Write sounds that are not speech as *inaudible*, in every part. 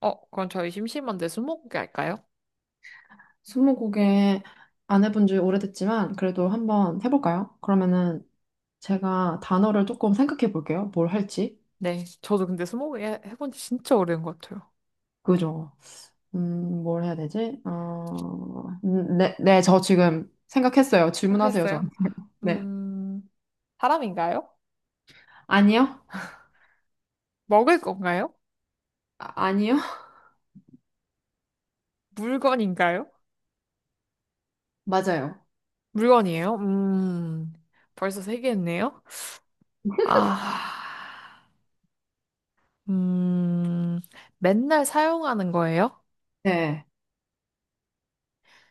그럼 저희 심심한데 스무고개 할까요? 스무고개 안 해본 지 오래됐지만 그래도 한번 해볼까요? 그러면은 제가 단어를 조금 생각해 볼게요. 뭘 할지. 네, 저도 근데 해본 지 진짜 오래된 것 같아요. 그죠? 뭘 해야 되지? 네, 네, 저 지금 생각했어요. 질문하세요, 저. 했어요? 네. 음, 사람인가요? 아니요? 먹을 건가요? 아, 아니요? *laughs* 맞아요. 물건인가요? 물건이에요? 벌써 세 개 했네요. 아, 음, 맨날 사용하는 거예요? 네.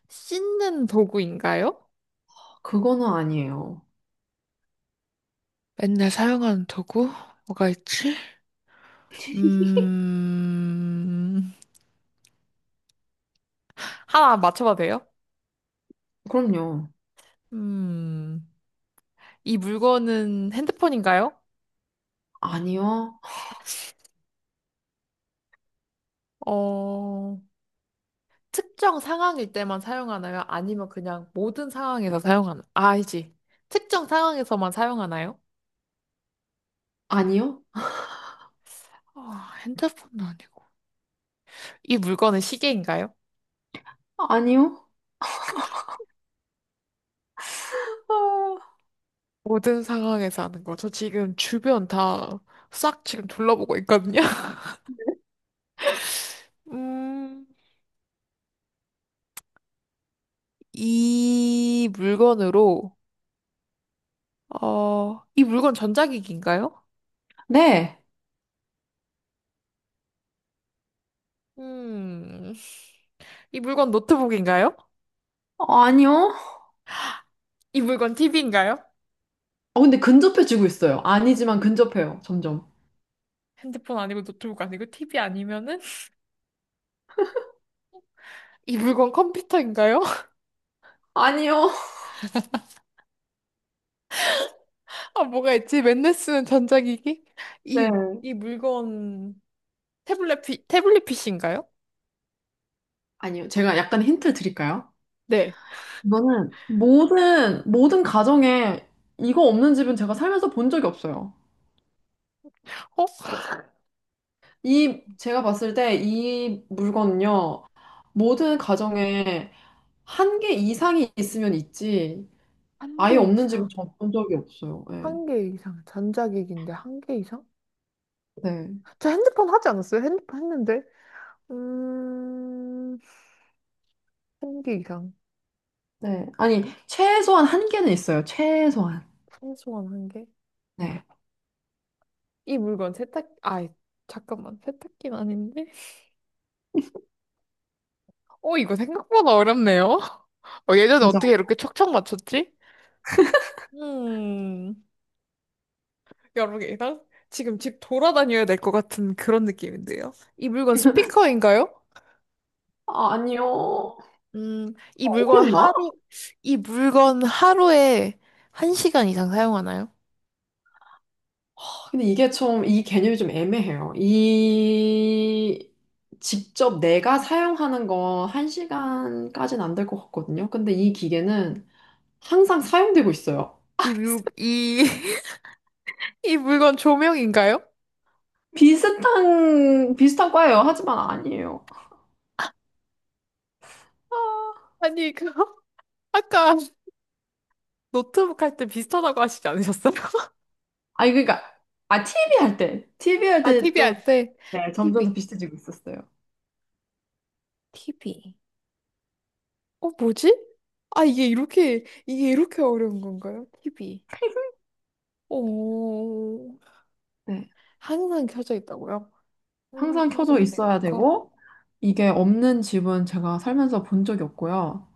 씻는 도구인가요? 그거는 아니에요. 맨날 사용하는 도구? 뭐가 있지? 음, 하나 맞춰봐도 돼요? 그럼요. 음. 이 물건은 핸드폰인가요? 아니요? 어, 특정 상황일 때만 사용하나요? 아니면 그냥 모든 상황에서 사용하나요? 아, 알지. 특정 상황에서만 사용하나요? 아니요? 아, 핸드폰은 아니고. 이 물건은 시계인가요? 아니요? 어, 모든 상황에서 하는 거. 저 지금 주변 다 싹 지금 둘러보고 있거든요. *laughs* 음, 이 물건으로, 이 물건 전자기기인가요? 네. 음, 이 물건 노트북인가요? 어, 아니요? 이 물건 TV인가요? 어, 근데 근접해지고 있어요. 아니지만 근접해요, 점점. 핸드폰 아니고 노트북 아니고 TV 아니면은 *laughs* 이 물건 컴퓨터인가요? *laughs* 아니요. 아 뭐가 있지? 맨날 쓰는 전자기기? 이 네. 이 물건 태블릿 PC인가요? 아니요. 제가 약간 힌트 드릴까요? 네. 이거는 모든 가정에 이거 없는 집은 제가 살면서 본 적이 없어요. 어? 이, 제가 봤을 때 이 물건은요. 모든 가정에 한 개 이상이 있으면 있지, 한 아예 개 없는 집은 이상? 전 본 적이 없어요. 네. 한 개 이상. 전자기기인데 한 개 이상? 네. 저 핸드폰 하지 않았어요? 핸드폰 했는데. 음, 한 개 이상. 네. 아니, 최소한 한 개는 있어요. 최소한. 최소한 한 개? 네. 이 물건 세탁 아 잠깐만 세탁기는 아닌데? 어 이거 생각보다 어렵네요. *laughs* 어, 예전에 그죠? 어떻게 이렇게 척척 맞췄지? 음, 여러분이랑 지금 집 돌아다녀야 될 것 같은 그런 느낌인데요. 이 물건 스피커인가요? 아, 아니요. 이 물건 어렵나? 하루, 이 물건 하루에 한시간 이상 사용하나요? 근데 이게 좀, 이 개념이 좀 애매해요. 이, 직접 내가 사용하는 건 1시간까지는 안 될 것 같거든요. 근데 이 기계는 항상 사용되고 있어요. 이 물, *laughs* 이, *laughs* 이 물건 조명인가요? 비슷한 과예요. 하지만 아니에요. 아, 아니, 그, *laughs* 아까 노트북 할 때 비슷하다고 하시지 않으셨어요? *laughs* 아니, 그러니까, 아, TV 할 때. TV 할 아, 때 TV 좀, 할 때. 네, 점점 더 TV. 비슷해지고 있었어요. TV. 어, 뭐지? 아, 이게 이렇게 어려운 건가요? TV. *laughs* 오. 네, 항상 켜져 있다고요? 항상 항상 켜져 켜져 있는 있어야 거? 되고, 이게 없는 집은 제가 살면서 본 적이 없고요.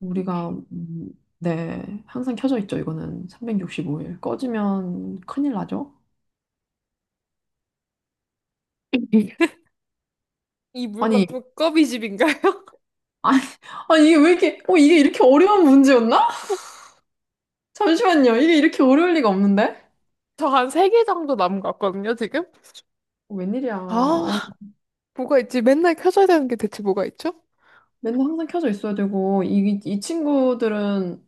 우리가 네, 항상 켜져 있죠. 이거는 365일 꺼지면 큰일 나죠. *laughs* 이 아니 물건 *laughs* 두꺼비 집인가요? *laughs* 아 아니, 이게 왜 이렇게 이게 이렇게 어려운 문제였나? 잠시만요. 이게 이렇게 어려울 리가 없는데? 저 한 세 개 정도 남은 것 같거든요, 지금? 어, 웬일이야. 아, 뭐가 있지? 맨날 켜져야 되는 게 대체 뭐가 있죠? 맨날 항상 켜져 있어야 되고 이 친구들은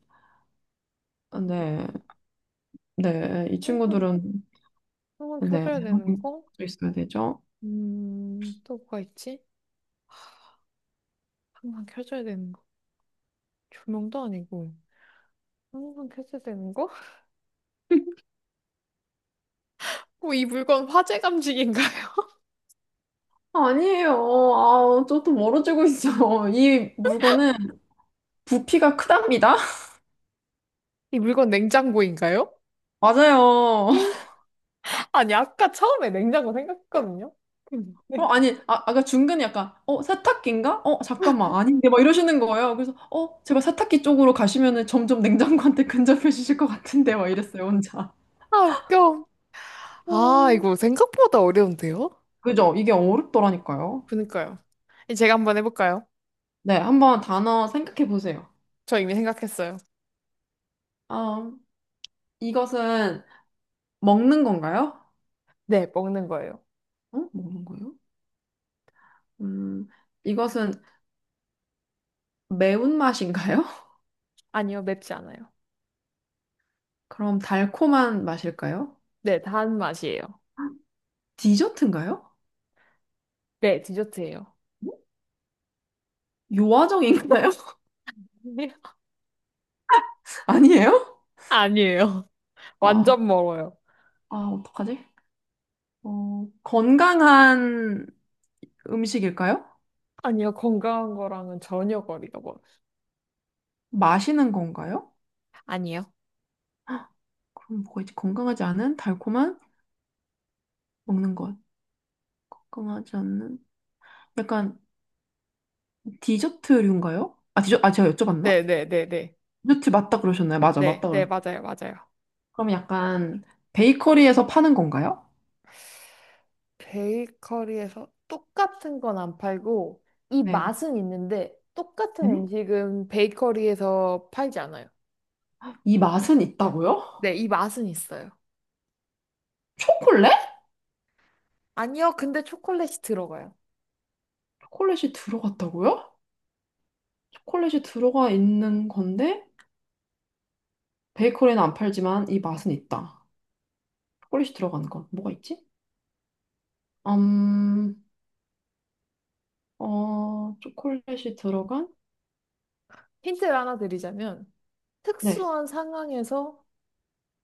네, 네, 이 항상, 친구들은 항상 네, 켜져야 되는 항상 거? 켜져 있어야 되죠. 또 뭐가 있지? 항상 켜져야 되는 거. 조명도 아니고, 항상 켜져야 되는 거? *laughs* 어, 이 물건 화재 감지기인가요? *laughs* 아니에요. 아, 저또 멀어지고 있어. 이 물건은 부피가 크답니다. *laughs* 이 물건 냉장고인가요? 맞아요. 아니, 아까 처음에 냉장고 생각했거든요? 어, 근데, 아니, 아, 아까 중간에 약간, 어, 세탁기인가? 어, 잠깐만, 아닌데, 막 이러시는 거예요. 그래서, 어, 제발 세탁기 쪽으로 가시면은 점점 냉장고한테 *laughs* 근접해주실 것 같은데, 막 이랬어요, 혼자. 아, 웃겨. 아, 음. 이거 생각보다 어려운데요? 그죠? 이게 어렵더라니까요. 그니까요. 이 제가 한번 해볼까요? 네, 한번 단어 생각해 보세요. 저 이미 생각했어요. 아, 이것은 먹는 건가요? 네, 먹는 거예요. 어? 먹는 거예요? 음, 이것은 매운맛인가요? *laughs* 아니요, 맵지 않아요. 그럼 달콤한 맛일까요? 네, 단 맛이에요. 디저트인가요? 네, 디저트예요. 어? 요아정인가요? *laughs* *laughs* 아니에요? 아니에요. *laughs* 아, 완전 멀어요. 아, 어떡하지? 어, 건강한 음식일까요? 아니요, 건강한 거랑은 전혀 거리가 멀어요. 마시는 건가요? 아니요. 그럼 뭐가 있지? 건강하지 않은 달콤한 먹는 것. 건강하지 않는 약간 디저트류인가요? 아, 제가 여쭤봤나? 네, 네, 네, 네. 디저트 맞다 그러셨나요? 맞아, 네, 맞다 네, 그러셨어요. 맞아요, 맞아요. 그럼 약간 베이커리에서 파는 건가요? 베이커리에서 똑같은 건 안 팔고, 이 네. 맛은 있는데, 네? 똑같은 음식은 베이커리에서 팔지 않아요. 이 맛은 있다고요? 네, 이 맛은 있어요. 초콜릿? 아니요, 근데 초콜릿이 들어가요. 초콜릿이 들어갔다고요? 초콜릿이 들어가 있는 건데 베이커리는 안 팔지만 이 맛은 있다. 초콜릿이 들어가는 건 뭐가 있지? 음, 초콜릿이 들어간? 힌트를 하나 드리자면, 네. 특수한 상황에서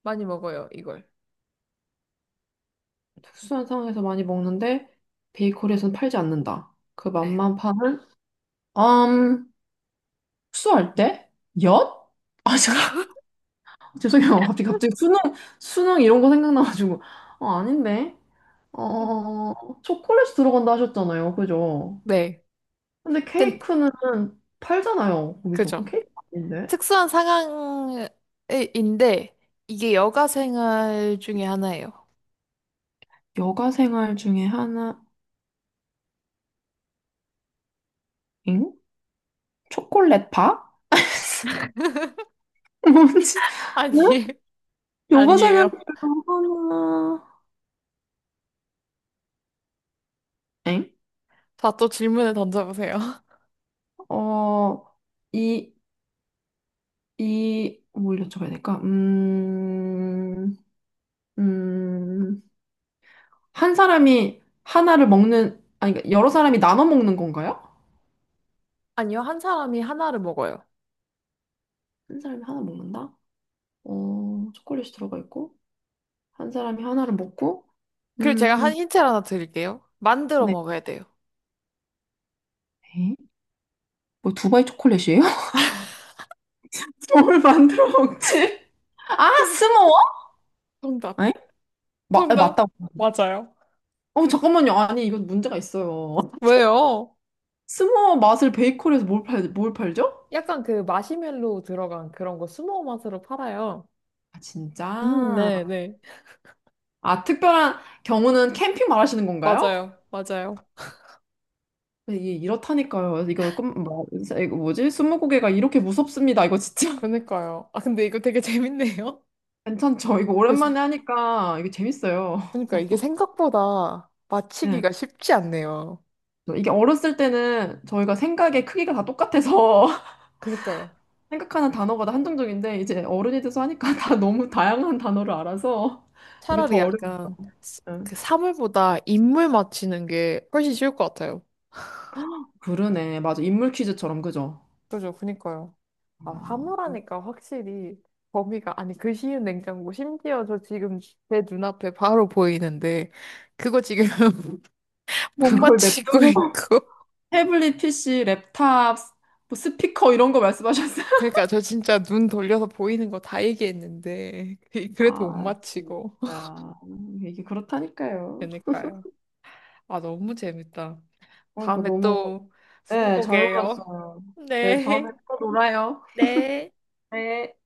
많이 먹어요, 이걸. 특수한 상황에서 많이 먹는데 베이커리에서는 팔지 않는다. 그 네. 맛만 파는? 음, 수할 때? 엿? 아, 잠깐. *laughs* 죄송해요. 갑자기 수능 이런 거 생각나가지고. 어, 아닌데. 음. 어, 초콜릿이 들어간다 하셨잖아요. 그죠? 네. 근데 근, 케이크는 팔잖아요. 거기서. 그럼 그죠. 케이크 아닌데? 특수한 상황인데, 이게 여가 생활 중에 하나예요. 여가 생활 중에 하나, 잉? 초콜릿 파? *laughs* 뭔지. 아니, *laughs* 요가 생활 아니에요. 하나, 엥? 자, 또 질문을 던져보세요. *laughs* 어, 이, 뭘 여쭤봐야 될까? 음, 한 사람이 하나를 먹는, 아니, 그러니까 여러 사람이 나눠 먹는 건가요? 아니요, 한 사람이 하나를 먹어요. 한 사람이 하나 먹는다? 어, 초콜릿이 들어가 있고, 한 사람이 하나를 먹고, 그리고 제가 음, 한 힌트를 하나 드릴게요. 만들어 네. 먹어야 돼요. 에? 뭐 두바이 초콜릿이에요? *laughs* 뭘 만들어 먹지? 아, *laughs* 스모어? 정답. 에? 맞다. 정답. 맞아요. 어, 잠깐만요. 아니, 이거 문제가 있어요. 왜요? 스모어 맛을 베이커리에서 뭘 팔죠? 약간 그 마시멜로 들어간 그런 거 스모어 맛으로 팔아요. 아, 진짜. 네, 네. 아, 특별한 경우는 캠핑 말하시는 건가요? 맞아요. 맞아요. 네, 이게 이렇다니까요. 이거, 뭐, 이거 뭐지? 스무고개가 이렇게 무섭습니다. 이거 진짜 *laughs* 그러니까요. 아, 근데 이거 되게 *laughs* 재밌네요. 괜찮죠? 이거 그래서 오랜만에 하니까 이게 재밌어요. 그러니까 이게 생각보다 네. 맞히기가 쉽지 않네요. 이게 어렸을 때는 저희가 생각의 크기가 다 똑같아서 그니까요. *laughs* 생각하는 단어가 다 한정적인데 이제 어른이 돼서 하니까 *laughs* 다 너무 다양한 단어를 알아서 이게 더 차라리 어려워요. 약간 스- 그 사물보다 인물 맞히는 게 훨씬 쉬울 것 같아요. 그러네. 맞아. 인물 퀴즈처럼, 그죠? 그죠. 그니까요. 아, 어. 사물하니까 확실히 범위가, 아니, 그 쉬운 냉장고, 심지어 저 지금 제 눈앞에 바로 보이는데, 그거 지금 *laughs* 못 그걸 맞히고 냅두고 있고. *laughs* *laughs* 태블릿 PC, 랩탑, 뭐 스피커 이런 거 말씀하셨어요? *laughs* 그러니까 저 진짜 눈 돌려서 보이는 거 다 얘기했는데 *laughs* 그래도 못 아, 진짜. 맞히고. *laughs* 이게 그렇다니까요. 그러니까요. 아 너무 재밌다. 그러니까 다음에 너무, 또 네, 잘 스무고개예요. 놀았어요. 네, 다음에 네. 또 놀아요. 네. 네.